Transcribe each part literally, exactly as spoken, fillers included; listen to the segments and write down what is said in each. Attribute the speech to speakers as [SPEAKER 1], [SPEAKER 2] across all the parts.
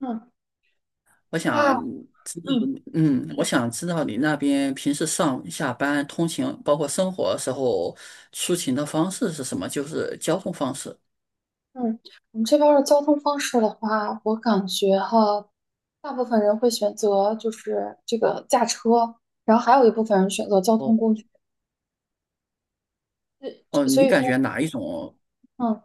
[SPEAKER 1] 嗯
[SPEAKER 2] 我
[SPEAKER 1] 啊，
[SPEAKER 2] 想知道，
[SPEAKER 1] 嗯
[SPEAKER 2] 嗯，我想知道你那边平时上下班、通勤，包括生活时候出行的方式是什么？就是交通方式。
[SPEAKER 1] 嗯，我们这边儿的交通方式的话，我感觉哈，大部分人会选择就是这个驾车，然后还有一部分人选择交通
[SPEAKER 2] 哦
[SPEAKER 1] 工具。
[SPEAKER 2] 哦，
[SPEAKER 1] 所
[SPEAKER 2] 你
[SPEAKER 1] 以
[SPEAKER 2] 感觉
[SPEAKER 1] 说，
[SPEAKER 2] 哪一种？
[SPEAKER 1] 嗯，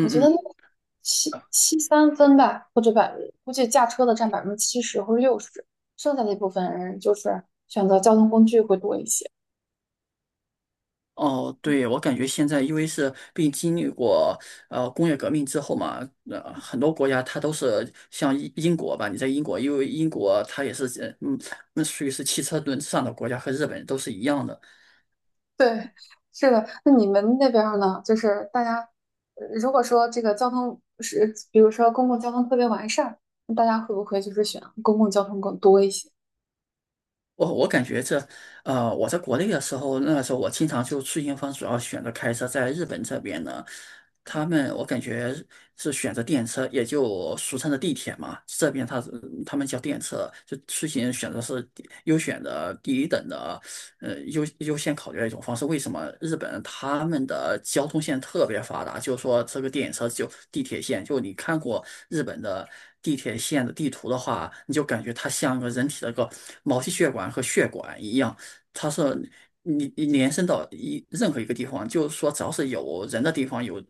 [SPEAKER 1] 我觉得
[SPEAKER 2] 嗯。
[SPEAKER 1] 那个七七三分吧，或者百，估计驾车的占百分之七十或者六十，剩下的一部分人就是选择交通工具会多一些。
[SPEAKER 2] 哦，对，我感觉现在因为是并经历过呃工业革命之后嘛，呃，很多国家它都是像英英国吧，你在英国，因为英国它也是呃嗯，那属于是汽车轮上的国家，和日本都是一样的。
[SPEAKER 1] 对，是的。那你们那边儿呢？就是大家，呃如果说这个交通是，比如说公共交通特别完善，那大家会不会就是选公共交通更多一些？
[SPEAKER 2] 我我感觉这，呃，我在国内的时候，那个时候我经常就出行方主要选择开车，在日本这边呢，他们我感觉是选择电车，也就俗称的地铁嘛，这边他他们叫电车，就出行选择是第优选的第一等的呃优优先考虑的一种方式。为什么日本他们的交通线特别发达？就是说这个电车就地铁线，就你看过日本的地铁线的地图的话，你就感觉它像个人体的一个毛细血管和血管一样，它是你你延伸到一任何一个地方，就是说只要是有人的地方，有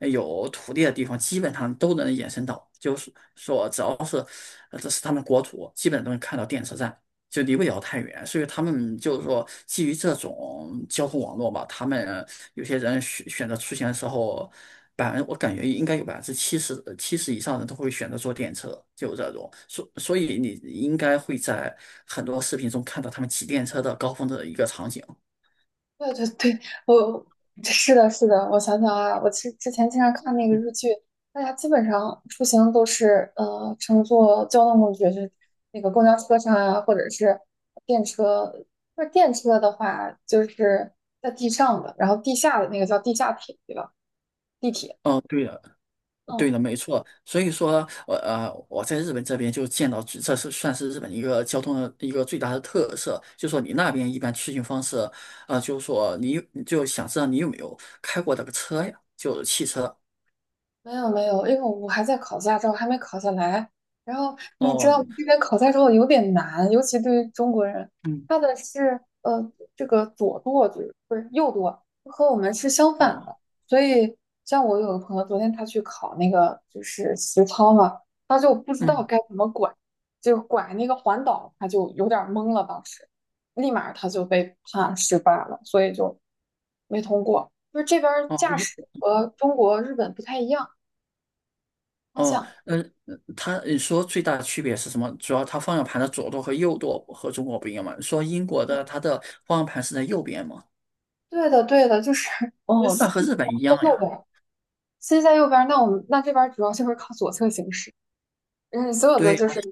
[SPEAKER 2] 有土地的地方，基本上都能延伸到。就是说，只要是呃这是他们国土，基本都能看到电车站。就离不了太远，所以他们就是说，基于这种交通网络吧，他们有些人选选择出行的时候，百分我感觉应该有百分之七十七十以上的人都会选择坐电车，就这种，所所以你应该会在很多视频中看到他们骑电车的高峰的一个场景。
[SPEAKER 1] 对对对，我是的，是的。我想想啊，我之之前经常看那个日剧，大家基本上出行都是呃乘坐交通工具，就是那个公交车上啊，或者是电车。那电车的话，就是在地上的，然后地下的那个叫地下铁，对吧？地铁。
[SPEAKER 2] 嗯，对的，对
[SPEAKER 1] 嗯。
[SPEAKER 2] 的，没错。所以说，我呃，我在日本这边就见到，这是算是日本一个交通的一个最大的特色，就说你那边一般出行方式，呃，就说你你就想知道你有没有开过那个车呀，就是汽车。
[SPEAKER 1] 没有没有，因为我还在考驾照，还没考下来。然后你知道
[SPEAKER 2] 哦，
[SPEAKER 1] 这边考驾照有点难，尤其对于中国人，
[SPEAKER 2] 嗯，
[SPEAKER 1] 他的是呃这个左舵就是不是右舵，和我们是相反
[SPEAKER 2] 哦，
[SPEAKER 1] 的。所以像我有个朋友，昨天他去考那个就是实操嘛，他就不知道
[SPEAKER 2] 嗯，
[SPEAKER 1] 该怎么拐，就拐那个环岛，他就有点儿懵了，当时立马他就被判失败了，所以就没通过。就是这边儿
[SPEAKER 2] 哦，
[SPEAKER 1] 驾
[SPEAKER 2] 一，
[SPEAKER 1] 驶和中国、日本不太一样。方
[SPEAKER 2] 哦，
[SPEAKER 1] 向。
[SPEAKER 2] 嗯，他你说最大的区别是什么？主要它方向盘的左舵和右舵和中国不一样嘛？你说英国的
[SPEAKER 1] 对，
[SPEAKER 2] 它的方向盘是在右边嘛？
[SPEAKER 1] 对的，对的，就是呃
[SPEAKER 2] 哦，
[SPEAKER 1] 司
[SPEAKER 2] 那和
[SPEAKER 1] 机
[SPEAKER 2] 日本一样
[SPEAKER 1] 在右边
[SPEAKER 2] 呀。
[SPEAKER 1] 儿司机在右边儿那我们那这边儿主要就是靠左侧行驶，嗯，所有的
[SPEAKER 2] 对呀，
[SPEAKER 1] 就是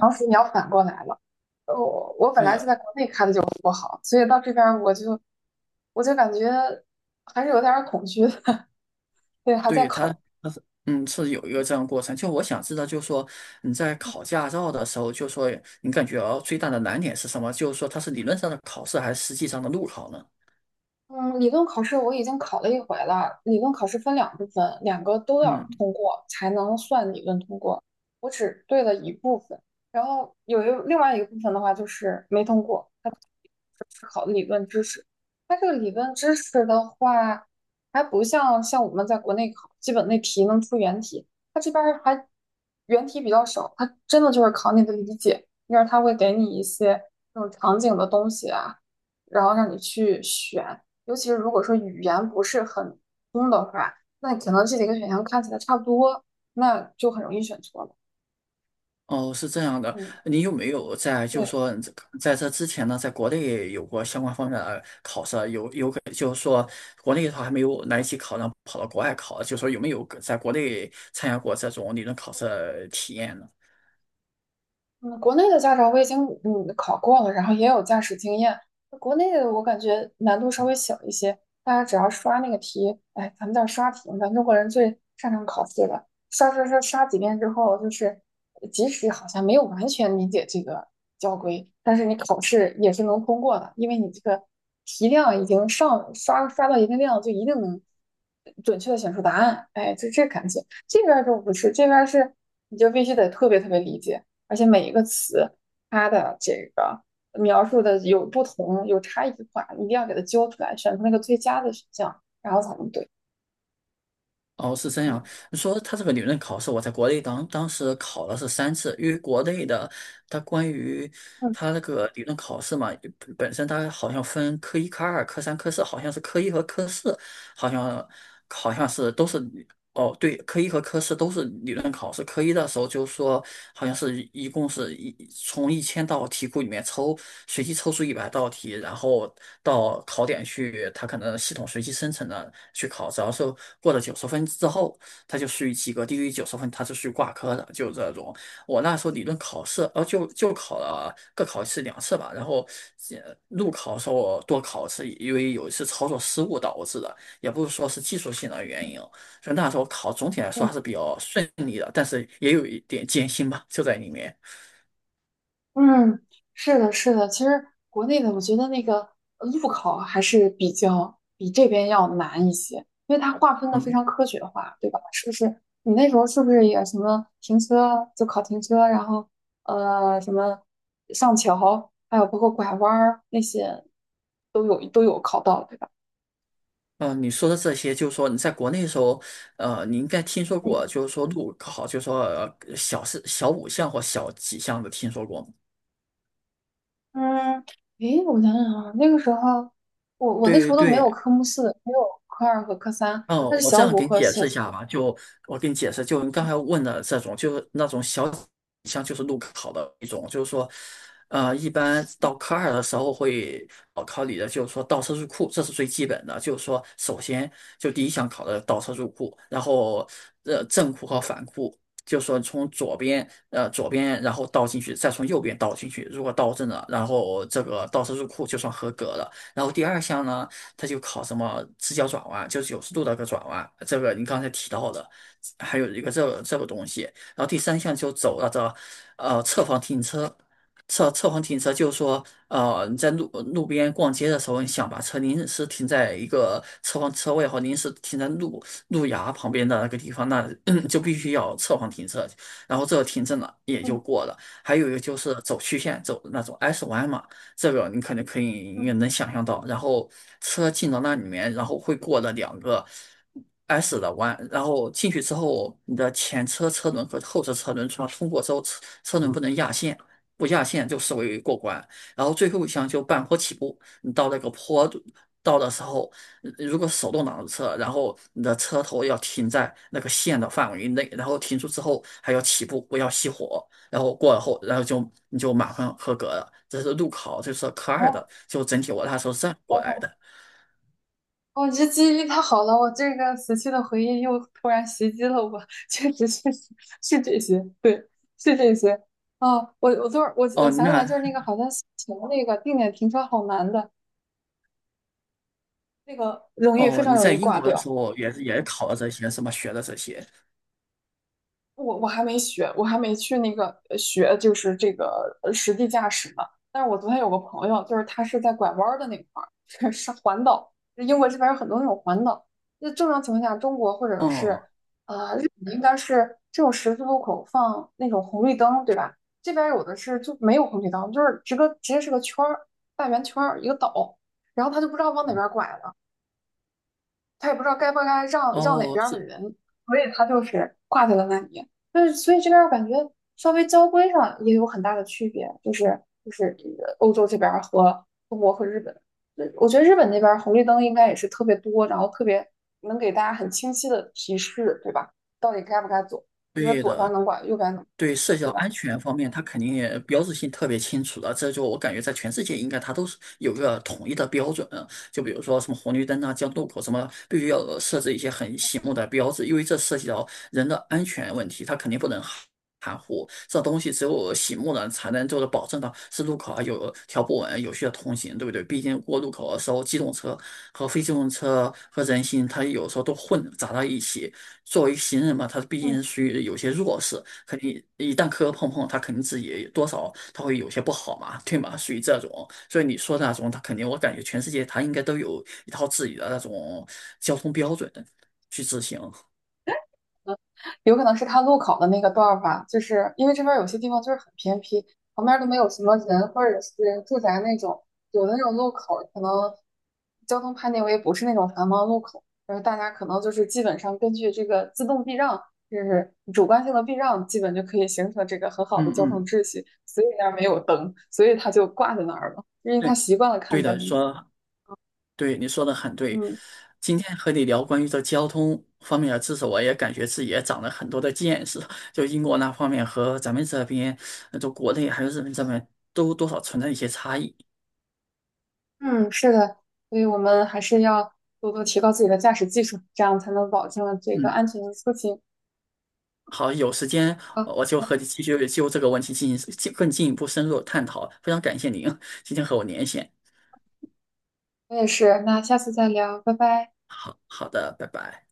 [SPEAKER 1] 常识你要反过来了。呃我我本
[SPEAKER 2] 对
[SPEAKER 1] 来就
[SPEAKER 2] 呀，
[SPEAKER 1] 在国内开的就不好，所以到这边儿我就我就感觉还是有点儿恐惧的，对，还在
[SPEAKER 2] 对。他，
[SPEAKER 1] 考。
[SPEAKER 2] 他是嗯是有一个这样的过程。就我想知道，就是说你在考驾照的时候，就说你感觉哦最大的难点是什么？就是说它是理论上的考试还是实际上的路考呢？
[SPEAKER 1] 嗯，理论考试我已经考了一回了。理论考试分两部分，两个都要
[SPEAKER 2] 嗯，
[SPEAKER 1] 通过才能算理论通过。我只对了一部分，然后有一另外一个部分的话就是没通过，它考考的理论知识。它这个理论知识的话，还不像像我们在国内考基本那题能出原题，它这边儿还原题比较少，它真的就是考你的理解，因为它会给你一些这种场景的东西啊。然后让你去选，尤其是如果说语言不是很通的话，那可能这几个选项看起来差不多，那就很容易选错了。
[SPEAKER 2] 哦，是这样的。
[SPEAKER 1] 嗯，
[SPEAKER 2] 你有没有在就是
[SPEAKER 1] 对，
[SPEAKER 2] 说这个在这之前呢，在国内有过相关方面的考试啊有有可就是说国内的话还没有来得及考，然后跑到国外考啊，就说有没有在国内参加过这种理论考试的体验呢？
[SPEAKER 1] 嗯，国内的驾照我已经嗯考过了，然后也有驾驶经验。国内的我感觉难度稍微小一些，大家只要刷那个题，哎，咱们叫刷题咱中国人最擅长考试了。刷刷刷刷几遍之后，就是即使好像没有完全理解这个交规，但是你考试也是能通过的，因为你这个题量已经上刷刷到一定量，就一定能准确的选出答案。哎，就这感觉。这边儿就不是，这边儿是你就必须得特别特别理解。而且每一个词它的这个描述的有不同，有差异化，一定要给它揪出来，选出那个最佳的选项，然后才能对。
[SPEAKER 2] 哦，是这样。
[SPEAKER 1] 嗯
[SPEAKER 2] 说它这个理论考试，我在国内当当时考了是三次，因为国内的它关于
[SPEAKER 1] 嗯
[SPEAKER 2] 它那个理论考试嘛，本身它好像分科一、科二、科三、科四，好像是科一和科四。好像好像是都是哦，对，科一和科四都是理论考试。科一的时候就说好像是一共是一从一千道题库里面抽，随机抽出一百道题，然后到考点去，他可能系统随机生成的去考，只要是过了九十分之后，他就属于及格，低于九十分他是属于挂科的，就这种。我那时候理论考试，呃，就就考了各考一次两次吧，然后呃路考的时候我多考一次，因为有一次操作失误导致的。也不是说是技术性的原因哦，所以那时候考总体来说
[SPEAKER 1] 嗯，
[SPEAKER 2] 还是比较顺利的，但是也有一点艰辛吧，就在里面。
[SPEAKER 1] 嗯，是的，是的。其实国内的，我觉得那个呃路考还是比较比这边要难一些，因为它划分的非
[SPEAKER 2] 嗯，
[SPEAKER 1] 常科学化，对吧？是不是？你那时候是不是也什么停车就考停车，然后呃什么上桥，还有包括拐弯儿那些都有都有考到，对吧？
[SPEAKER 2] 嗯，呃你说的这些，就是说你在国内的时候，呃，你应该听说过，就是说路考，就是说呃小四、小五项或小几项的听说过吗？
[SPEAKER 1] 嗯，诶，我想想啊，那个时候，我我那时
[SPEAKER 2] 对
[SPEAKER 1] 候都没有
[SPEAKER 2] 对
[SPEAKER 1] 科目四，没有科二和科三，
[SPEAKER 2] 哦，
[SPEAKER 1] 那是
[SPEAKER 2] 我这
[SPEAKER 1] 小
[SPEAKER 2] 样
[SPEAKER 1] 五
[SPEAKER 2] 给你
[SPEAKER 1] 和
[SPEAKER 2] 解
[SPEAKER 1] 小
[SPEAKER 2] 释一
[SPEAKER 1] 四，
[SPEAKER 2] 下吧。就我给你解释，就你刚才问的这种，就是那种小项就是路考的一种，就是说，呃，一般到科二的时候会考考你的，就是说倒车入库，这是最基本的。就是说，首先就第一项考的倒车入库，然后呃正库和反库，就是说从左边呃左边然后倒进去，再从右边倒进去，如果倒正了，然后这个倒车入库就算合格了。然后第二项呢？它就考什么直角转弯，就九十度的个转弯，这个你刚才提到的，还有一个这个这个东西，然后第三项就走了这呃侧方停车。侧侧方停车就是说，呃，你在路路边逛街的时候，你想把车临时停在一个侧方车位或临时停在路路牙旁边的那个地方，那 就必须要侧方停车，然后这个停证了也就
[SPEAKER 1] 嗯
[SPEAKER 2] 过了。还有一个就是走曲线，走那种 S 弯嘛，这个你可能可以
[SPEAKER 1] 嗯，
[SPEAKER 2] 也能想象到。然后车进到那里面，然后会过了两个 S 的弯，然后进去之后，你的前车车轮和后车车轮通通过之后，车车轮不能压线，不压线就视为过关。然后最后一项就半坡起步，你到那个坡度到的时候，如果手动挡的车，然后你的车头要停在那个线的范围内，然后停住之后还要起步，不要熄火。然后过了后，然后就你就马上合格了。这是路考，这是科二的，
[SPEAKER 1] 好，
[SPEAKER 2] 就整体我那时候是这样过来的。
[SPEAKER 1] 我这记忆力太好了，我这个死去的回忆又突然袭击了我，确实确实是这些，对，是这些。啊，我我昨儿我我
[SPEAKER 2] 哦，
[SPEAKER 1] 想起来，
[SPEAKER 2] 那
[SPEAKER 1] 就是那个好像以前那个定点停车好难的，那个容易非
[SPEAKER 2] 哦，
[SPEAKER 1] 常
[SPEAKER 2] 你
[SPEAKER 1] 容
[SPEAKER 2] 在
[SPEAKER 1] 易
[SPEAKER 2] 英
[SPEAKER 1] 挂
[SPEAKER 2] 国的时
[SPEAKER 1] 掉。
[SPEAKER 2] 候也是也考了这些，什么学的这些？
[SPEAKER 1] 我我还没学，我还没去那个呃学，就是这个呃实地驾驶呢。但是我昨天有个朋友，就是他是在拐弯儿的那块儿，是环岛，英国这边有很多那种环岛。那正常情况下，中国或者是
[SPEAKER 2] 哦
[SPEAKER 1] 啊、呃日本应该是这种十字路口放那种红绿灯，对吧？这边有的是就没有红绿灯，就是直个直接是个圈儿，大圆圈儿一个岛，然后他就不知道往哪边拐了。他也不知道该不该让让哪
[SPEAKER 2] 哦，
[SPEAKER 1] 边的
[SPEAKER 2] 是
[SPEAKER 1] 人，所以他就是挂在了那里。但是，所以这边我感觉稍微交规上也有很大的区别，就是就是呃欧洲这边和中国和日本，呃我觉得日本那边红绿灯应该也是特别多，然后特别能给大家很清晰的提示，对吧？到底该不该走？你说
[SPEAKER 2] 对
[SPEAKER 1] 左边
[SPEAKER 2] 的。
[SPEAKER 1] 能管，右边能，
[SPEAKER 2] 对社交
[SPEAKER 1] 对
[SPEAKER 2] 安
[SPEAKER 1] 吧？
[SPEAKER 2] 全方面，它肯定也标志性特别清楚的，这就我感觉在全世界应该它都是有一个统一的标准啊。就比如说什么红绿灯啊、交通路口什么，必须要设置一些很醒目的标志，因为这涉及到人的安全问题，它肯定不能含含糊。这东西只有醒目了，才能就是保证到是路口啊有条不紊、有序的通行，对不对？毕竟过路口的时候，机动车和非机动车和人行，它有时候都混杂到一起。作为行人嘛，他毕竟
[SPEAKER 1] 嗯，
[SPEAKER 2] 是属于有些弱势。肯定一旦磕磕碰碰，他肯定自己多少他会有些不好嘛，对吗？属于这种，所以你说的那种，他肯定我感觉全世界他应该都有一套自己的那种交通标准去执行。
[SPEAKER 1] 有可能是他路口的那个段儿吧，就是因为这边有些地方就是很偏僻，旁边都没有什么人或者是住宅那种，有的那种路口可能交通判定为不是那种繁忙路口，然后大家可能就是基本上根据这个自动避让，就是主观性的避让，基本就可以形成这个很好的
[SPEAKER 2] 嗯
[SPEAKER 1] 交通
[SPEAKER 2] 嗯，
[SPEAKER 1] 秩序，所以那儿没有灯，所以他就挂在那儿了，因为他
[SPEAKER 2] 对，
[SPEAKER 1] 习惯了看
[SPEAKER 2] 对的，
[SPEAKER 1] 灯嘛，
[SPEAKER 2] 说对，你说的很对。
[SPEAKER 1] 嗯。
[SPEAKER 2] 今天和你聊关于这交通方面的知识，我也感觉自己也长了很多的见识。就英国那方面和咱们这边，呃就国内还有日本这边，都多少存在一些差异。
[SPEAKER 1] 嗯，是的，所以我们还是要多多提高自己的驾驶技术，这样才能保证这个
[SPEAKER 2] 嗯
[SPEAKER 1] 安全的出行。
[SPEAKER 2] 好，有时间呃
[SPEAKER 1] 好，
[SPEAKER 2] 我就和你继续就这个问题进行进更进一步深入的探讨。非常感谢您今天和我连线。
[SPEAKER 1] 我也是，那下次再聊，拜拜。
[SPEAKER 2] 好好的，拜拜。